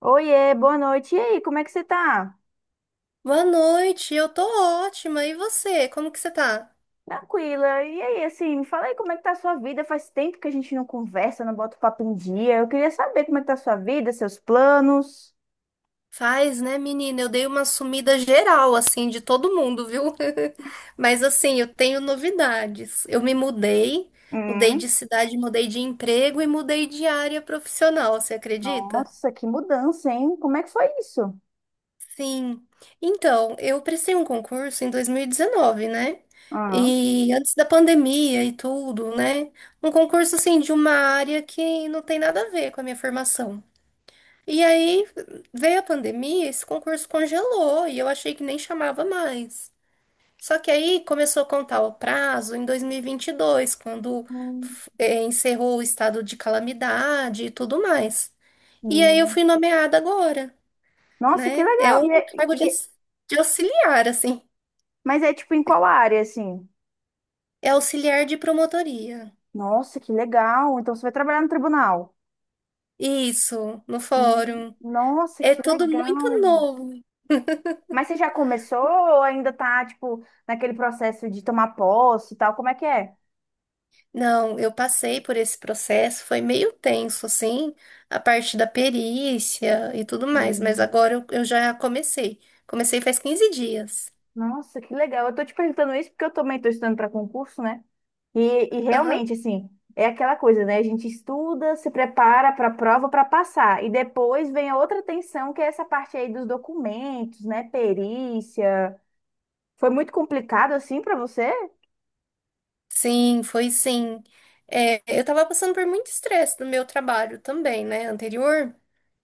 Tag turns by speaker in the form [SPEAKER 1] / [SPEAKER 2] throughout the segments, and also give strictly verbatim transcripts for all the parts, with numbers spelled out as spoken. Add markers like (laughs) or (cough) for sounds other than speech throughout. [SPEAKER 1] Oiê, boa noite. E aí, como é que você tá?
[SPEAKER 2] Boa noite, eu tô ótima. E você? Como que você tá?
[SPEAKER 1] Tranquila. E aí, assim, me fala aí como é que tá a sua vida. Faz tempo que a gente não conversa, não bota o papo em dia. Eu queria saber como é que tá a sua vida, seus planos.
[SPEAKER 2] Faz, né, menina? Eu dei uma sumida geral, assim, de todo mundo, viu? (laughs) Mas, assim, eu tenho novidades. Eu me mudei, mudei de
[SPEAKER 1] Hum.
[SPEAKER 2] cidade, mudei de emprego e mudei de área profissional, você acredita?
[SPEAKER 1] Nossa, que mudança, hein? Como é que foi isso?
[SPEAKER 2] Sim. Então, eu prestei um concurso em dois mil e dezenove, né?
[SPEAKER 1] Aham.
[SPEAKER 2] E antes da pandemia e tudo, né? Um concurso, assim, de uma área que não tem nada a ver com a minha formação. E aí veio a pandemia, esse concurso congelou e eu achei que nem chamava mais. Só que aí começou a contar o prazo em dois mil e vinte e dois, quando
[SPEAKER 1] Hum,
[SPEAKER 2] f- eh, encerrou o estado de calamidade e tudo mais. E aí eu
[SPEAKER 1] hum.
[SPEAKER 2] fui nomeada agora,
[SPEAKER 1] Nossa, que
[SPEAKER 2] né? É
[SPEAKER 1] legal.
[SPEAKER 2] um
[SPEAKER 1] E é- e-
[SPEAKER 2] cargo de,
[SPEAKER 1] e-
[SPEAKER 2] aux- de auxiliar, assim.
[SPEAKER 1] mas é tipo em qual área, assim?
[SPEAKER 2] É auxiliar de promotoria.
[SPEAKER 1] Nossa, que legal. Então você vai trabalhar no tribunal.
[SPEAKER 2] Isso, no
[SPEAKER 1] Hum.
[SPEAKER 2] fórum.
[SPEAKER 1] Nossa,
[SPEAKER 2] É
[SPEAKER 1] que
[SPEAKER 2] tudo muito
[SPEAKER 1] legal.
[SPEAKER 2] novo.
[SPEAKER 1] Mas você já começou ou ainda tá, tipo, naquele processo de tomar posse e tal? Como é que é?
[SPEAKER 2] Não, eu passei por esse processo, foi meio tenso, assim, a parte da perícia e tudo mais, mas
[SPEAKER 1] Hum.
[SPEAKER 2] agora eu, eu já comecei. Comecei faz quinze dias.
[SPEAKER 1] Nossa, que legal. Eu tô te perguntando isso porque eu também tô estudando para concurso, né? E, e
[SPEAKER 2] Aham.
[SPEAKER 1] realmente, assim, é aquela coisa, né? A gente estuda, se prepara para a prova para passar. E depois vem a outra tensão, que é essa parte aí dos documentos, né? Perícia. Foi muito complicado assim para você?
[SPEAKER 2] Sim, foi sim. É, eu tava passando por muito estresse no meu trabalho também, né, anterior,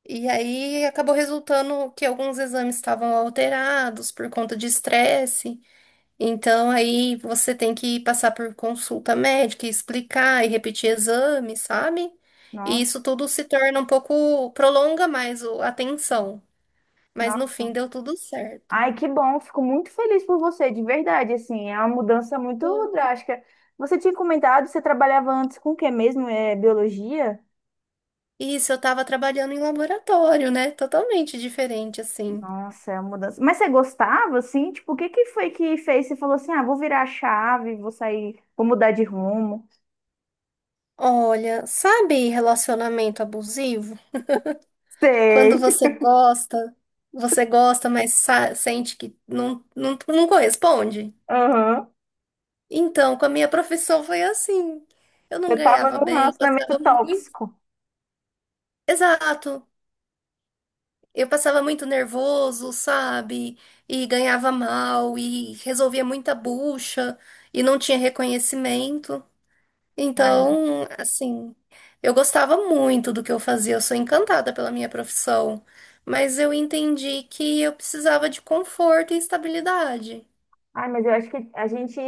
[SPEAKER 2] e aí acabou resultando que alguns exames estavam alterados por conta de estresse. Então aí você tem que passar por consulta médica, e explicar e repetir exames, sabe? E
[SPEAKER 1] Nossa.
[SPEAKER 2] isso tudo se torna um pouco, prolonga mais o- a atenção. Mas no fim deu tudo certo.
[SPEAKER 1] Ai, que bom, fico muito feliz por você, de verdade, assim, é uma mudança muito drástica. Você tinha comentado, você trabalhava antes com o que mesmo? É biologia?
[SPEAKER 2] Isso, eu tava trabalhando em laboratório, né? Totalmente diferente, assim.
[SPEAKER 1] Nossa, é uma mudança. Mas você gostava, assim? Tipo, o que que foi que fez? Você falou assim, ah, vou virar a chave, vou sair, vou mudar de rumo.
[SPEAKER 2] Olha, sabe relacionamento abusivo? Quando
[SPEAKER 1] Sei.
[SPEAKER 2] você gosta, você gosta, mas sa- sente que não, não, não corresponde.
[SPEAKER 1] (laughs) Aham.
[SPEAKER 2] Então, com a minha profissão foi assim. Eu não
[SPEAKER 1] Eu tava
[SPEAKER 2] ganhava
[SPEAKER 1] num
[SPEAKER 2] bem,
[SPEAKER 1] relacionamento
[SPEAKER 2] passava muito.
[SPEAKER 1] tóxico.
[SPEAKER 2] Exato. Eu passava muito nervoso, sabe? E ganhava mal, e resolvia muita bucha, e não tinha reconhecimento.
[SPEAKER 1] Ai,
[SPEAKER 2] Então, assim, eu gostava muito do que eu fazia, eu sou encantada pela minha profissão, mas eu entendi que eu precisava de conforto e estabilidade.
[SPEAKER 1] ai, mas eu acho que a gente,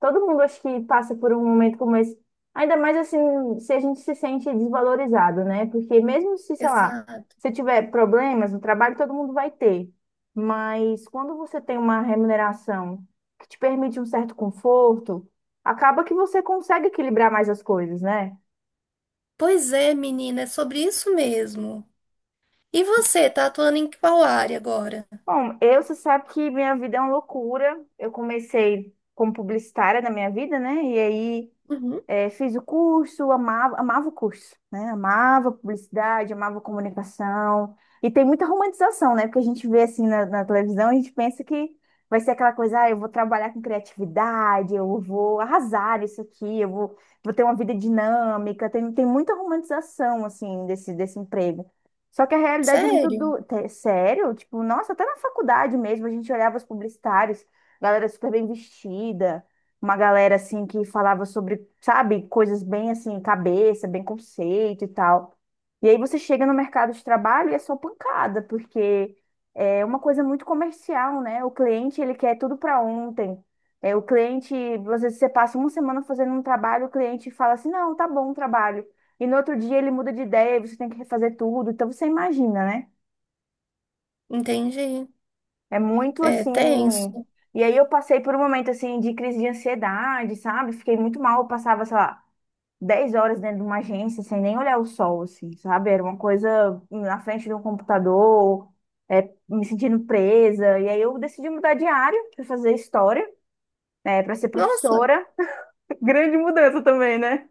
[SPEAKER 1] todo mundo acho que passa por um momento como esse, ainda mais assim, se a gente se sente desvalorizado, né? Porque mesmo se, sei lá,
[SPEAKER 2] Exato.
[SPEAKER 1] você tiver problemas no trabalho, todo mundo vai ter. Mas quando você tem uma remuneração que te permite um certo conforto, acaba que você consegue equilibrar mais as coisas, né?
[SPEAKER 2] Pois é, menina, é sobre isso mesmo. E você, tá atuando em qual área agora?
[SPEAKER 1] Bom, eu, você sabe que minha vida é uma loucura. Eu comecei como publicitária na minha vida, né? E aí
[SPEAKER 2] Uhum.
[SPEAKER 1] é, fiz o curso, amava, amava o curso, né? Amava publicidade, amava comunicação. E tem muita romantização, né? Porque a gente vê assim na, na televisão, a gente pensa que vai ser aquela coisa, ah, eu vou trabalhar com criatividade, eu vou arrasar isso aqui, eu vou, vou, ter uma vida dinâmica. Tem, tem muita romantização, assim, desse, desse emprego. Só que a realidade é muito
[SPEAKER 2] Sério?
[SPEAKER 1] do... te- sério, tipo, nossa, até na faculdade mesmo, a gente olhava os publicitários, galera super bem vestida, uma galera assim que falava sobre, sabe, coisas bem assim, cabeça, bem conceito e tal. E aí você chega no mercado de trabalho e é só pancada, porque é uma coisa muito comercial, né? O cliente, ele quer tudo para ontem. É, o cliente, às vezes você passa uma semana fazendo um trabalho, o cliente fala assim: "Não, tá bom o trabalho". E no outro dia ele muda de ideia, e você tem que refazer tudo. Então você imagina, né?
[SPEAKER 2] Entendi.
[SPEAKER 1] É muito
[SPEAKER 2] É
[SPEAKER 1] assim,
[SPEAKER 2] tenso.
[SPEAKER 1] e aí eu passei por um momento assim de crise de ansiedade, sabe? Fiquei muito mal, eu passava, sei lá, dez horas dentro de uma agência sem nem olhar o sol, assim, sabe? Era uma coisa na frente de um computador, é, me sentindo presa. E aí eu decidi mudar de área para fazer história, né, para ser
[SPEAKER 2] Nossa,
[SPEAKER 1] professora. (laughs) Grande mudança também, né?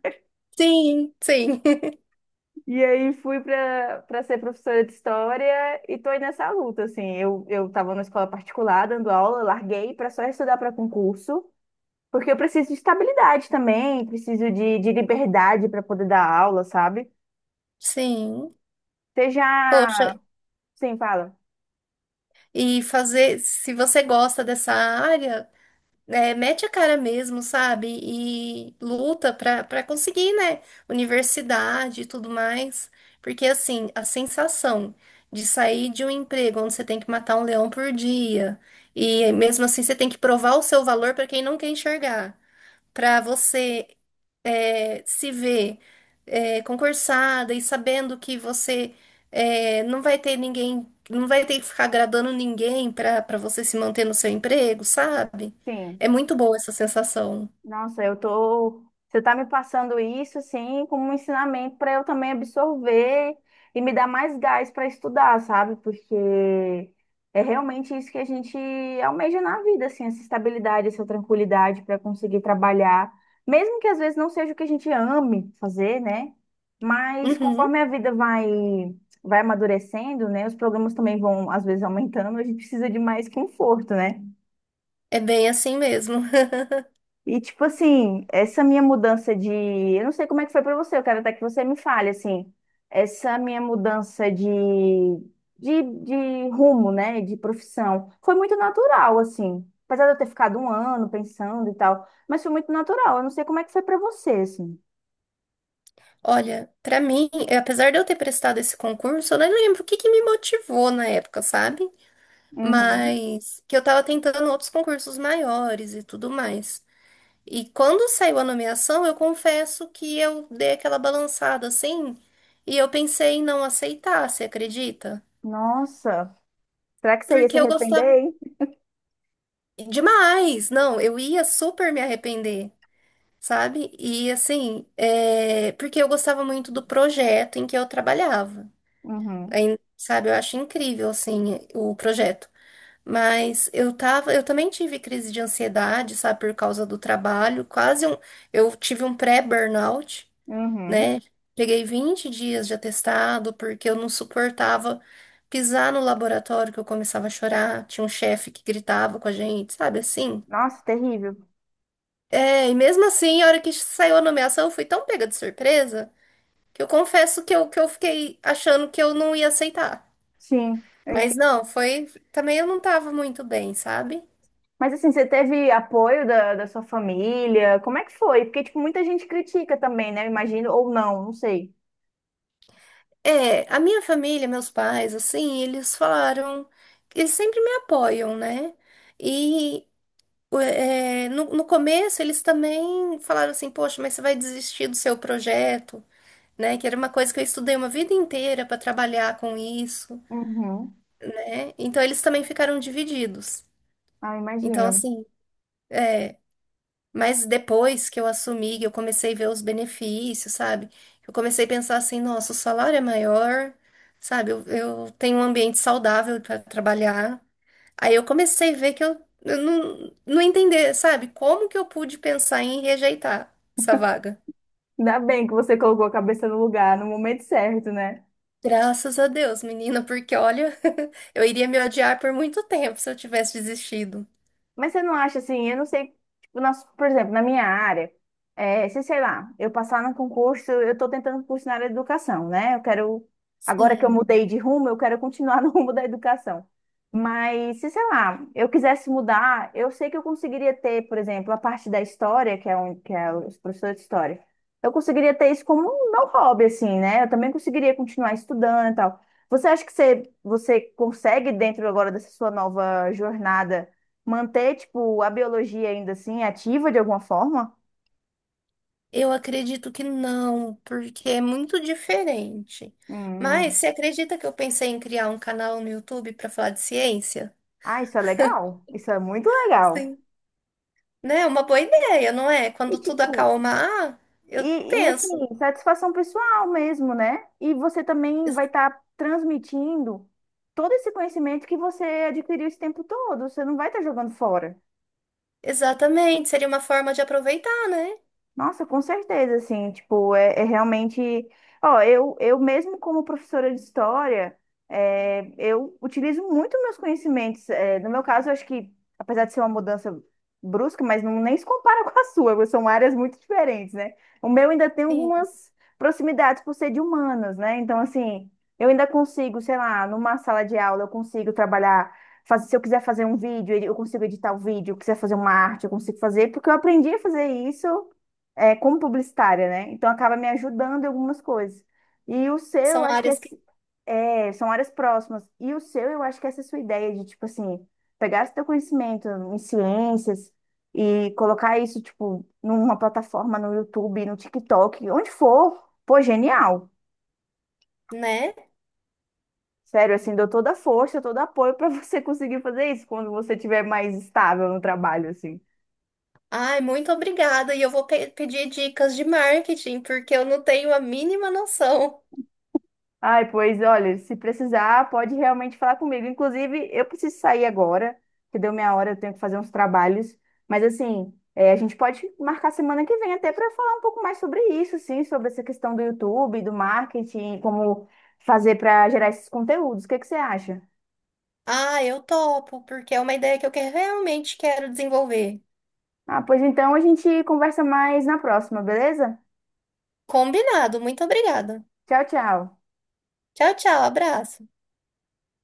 [SPEAKER 2] sim, sim, (laughs)
[SPEAKER 1] E aí fui para para ser professora de história e tô aí nessa luta, assim. Eu eu estava na escola particular dando aula, larguei para só estudar para concurso. Porque eu preciso de estabilidade também, preciso de, de liberdade para poder dar aula, sabe?
[SPEAKER 2] sim.
[SPEAKER 1] Você
[SPEAKER 2] Poxa,
[SPEAKER 1] já sim, fala.
[SPEAKER 2] e fazer, se você gosta dessa área, é, mete a cara mesmo, sabe? E luta pra, pra conseguir, né? Universidade e tudo mais. Porque, assim, a sensação de sair de um emprego onde você tem que matar um leão por dia, e mesmo assim você tem que provar o seu valor pra quem não quer enxergar, para você é, se ver é, concursada e sabendo que você é, não vai ter ninguém, não vai ter que ficar agradando ninguém para para você se manter no seu emprego, sabe?
[SPEAKER 1] Sim.
[SPEAKER 2] É muito boa essa sensação.
[SPEAKER 1] Nossa, eu tô. Você tá me passando isso, assim, como um ensinamento para eu também absorver e me dar mais gás para estudar, sabe? Porque é realmente isso que a gente almeja na vida, assim, essa estabilidade, essa tranquilidade para conseguir trabalhar, mesmo que às vezes não seja o que a gente ame fazer, né? Mas
[SPEAKER 2] Uhum,
[SPEAKER 1] conforme a vida vai vai amadurecendo, né? Os problemas também vão às vezes aumentando, a gente precisa de mais conforto, né?
[SPEAKER 2] é bem assim mesmo. (laughs)
[SPEAKER 1] E, tipo assim, essa minha mudança de. Eu não sei como é que foi pra você, eu quero até que você me fale, assim. Essa minha mudança de, de, de rumo, né? De profissão. Foi muito natural, assim. Apesar de eu ter ficado um ano pensando e tal. Mas foi muito natural. Eu não sei como é que foi pra você, assim.
[SPEAKER 2] Olha, para mim, eh, apesar de eu ter prestado esse concurso, eu nem lembro o que que me motivou na época, sabe?
[SPEAKER 1] Uhum.
[SPEAKER 2] Mas que eu tava tentando outros concursos maiores e tudo mais. E quando saiu a nomeação, eu confesso que eu dei aquela balançada, assim, e eu pensei em não aceitar, você acredita?
[SPEAKER 1] Nossa. Será que você ia se
[SPEAKER 2] Porque eu
[SPEAKER 1] arrepender,
[SPEAKER 2] gostava
[SPEAKER 1] hein?
[SPEAKER 2] demais, não, eu ia super me arrepender, sabe? E assim, é, porque eu gostava muito do projeto em que eu trabalhava.
[SPEAKER 1] Uhum.
[SPEAKER 2] Aí, sabe, eu acho incrível assim o projeto. Mas eu tava, eu também tive crise de ansiedade, sabe, por causa do trabalho, quase um, eu tive um pré-burnout,
[SPEAKER 1] Uhum.
[SPEAKER 2] né? Peguei vinte dias de atestado porque eu não suportava pisar no laboratório que eu começava a chorar. Tinha um chefe que gritava com a gente, sabe assim?
[SPEAKER 1] Nossa, terrível.
[SPEAKER 2] É, e mesmo assim, a hora que saiu a nomeação, eu fui tão pega de surpresa que eu confesso que eu, que eu fiquei achando que eu não ia aceitar.
[SPEAKER 1] Sim. eu
[SPEAKER 2] Mas não, foi. Também eu não tava muito bem, sabe?
[SPEAKER 1] Mas assim, você teve apoio da, da sua família? Como é que foi? Porque, tipo, muita gente critica também, né? Eu imagino, ou não, não sei.
[SPEAKER 2] É, a minha família, meus pais, assim, eles falaram. Eles sempre me apoiam, né? e o- é, no, no começo eles também falaram assim, poxa, mas você vai desistir do seu projeto, né? Que era uma coisa que eu estudei uma vida inteira para trabalhar com isso,
[SPEAKER 1] Uhum.
[SPEAKER 2] né? Então eles também ficaram divididos.
[SPEAKER 1] Ah,
[SPEAKER 2] Então
[SPEAKER 1] imagino.
[SPEAKER 2] assim, mas depois que eu assumi, que eu comecei a ver os benefícios, sabe? Eu comecei a pensar assim, nossa, o salário é maior, sabe? Eu, eu tenho um ambiente saudável para trabalhar. Aí eu comecei a ver que eu, eu não, não entender, sabe? Como que eu pude pensar em rejeitar essa vaga?
[SPEAKER 1] Ainda bem que você colocou a cabeça no lugar, no momento certo, né?
[SPEAKER 2] Graças a Deus, menina, porque olha, (laughs) eu iria me odiar por muito tempo se eu tivesse desistido.
[SPEAKER 1] Mas você não acha assim, eu não sei, tipo, nas- por exemplo, na minha área, é, se sei lá, eu passar no concurso, eu estou tentando curso na área de educação, né? Eu quero, agora que eu
[SPEAKER 2] Sim,
[SPEAKER 1] mudei de rumo, eu quero continuar (laughs) no rumo da educação. Mas se sei lá, eu quisesse mudar, eu sei que eu conseguiria ter, por exemplo, a parte da história, que é, um, que é os professores de história. Eu conseguiria ter isso como um não hobby, assim, né? Eu também conseguiria continuar estudando e tal. Você acha que você, você consegue, dentro agora dessa sua nova jornada, manter, tipo, a biologia ainda assim ativa de alguma forma?
[SPEAKER 2] eu acredito que não, porque é muito diferente. Mas
[SPEAKER 1] Hum.
[SPEAKER 2] você acredita que eu pensei em criar um canal no YouTube para falar de ciência?
[SPEAKER 1] Ah, isso é legal. Isso é muito legal.
[SPEAKER 2] Sim. Né? é Uma boa ideia, não é?
[SPEAKER 1] E,
[SPEAKER 2] Quando tudo
[SPEAKER 1] tipo,
[SPEAKER 2] acalmar, eu
[SPEAKER 1] e, e
[SPEAKER 2] penso.
[SPEAKER 1] assim, satisfação pessoal mesmo, né? E você também vai estar transmitindo todo esse conhecimento que você adquiriu esse tempo todo. Você não vai estar jogando fora.
[SPEAKER 2] Exatamente, seria uma forma de aproveitar, né?
[SPEAKER 1] Nossa, com certeza, assim, tipo, é, é realmente. Ó, eu, eu mesmo como professora de história, é, eu utilizo muito meus conhecimentos. É, no meu caso, eu acho que, apesar de ser uma mudança brusca, mas não nem se compara (laughs) com a sua, porque são áreas muito diferentes, né? O meu ainda tem
[SPEAKER 2] Sim,
[SPEAKER 1] algumas proximidades por ser de humanas, né? Então, assim, eu ainda consigo, sei lá, numa sala de aula, eu consigo trabalhar. Fazer, se eu quiser fazer um vídeo, eu consigo editar o vídeo. Se eu quiser fazer uma arte, eu consigo fazer, porque eu aprendi a fazer isso é, como publicitária, né? Então acaba me ajudando em algumas coisas. E o seu, eu
[SPEAKER 2] são
[SPEAKER 1] acho que é,
[SPEAKER 2] áreas que,
[SPEAKER 1] se- é, são áreas próximas. E o seu, eu acho que essa é a sua ideia de, tipo assim, pegar esse teu conhecimento em ciências e colocar isso, tipo, numa plataforma no YouTube, no TikTok, onde for. Pô, genial.
[SPEAKER 2] né?
[SPEAKER 1] Sério, assim, dou toda a força, todo apoio para (laughs) você conseguir fazer isso quando você estiver mais estável no trabalho, assim.
[SPEAKER 2] Ai, muito obrigada. E eu vou pe- pedir dicas de marketing, porque eu não tenho a mínima noção.
[SPEAKER 1] Ai, pois olha, se precisar, pode realmente falar comigo. Inclusive, eu preciso sair agora, que deu minha hora, eu tenho que fazer uns trabalhos. Mas assim, é, a gente pode marcar semana que vem até para falar um pouco mais sobre isso, sim, sobre essa questão do YouTube, do marketing, como fazer para gerar esses conteúdos. O que que você acha?
[SPEAKER 2] Ah, eu topo, porque é uma ideia que eu que- realmente quero desenvolver.
[SPEAKER 1] Ah, pois então a gente conversa mais na próxima, beleza?
[SPEAKER 2] Combinado, muito obrigada.
[SPEAKER 1] Tchau, tchau.
[SPEAKER 2] Tchau, tchau, abraço.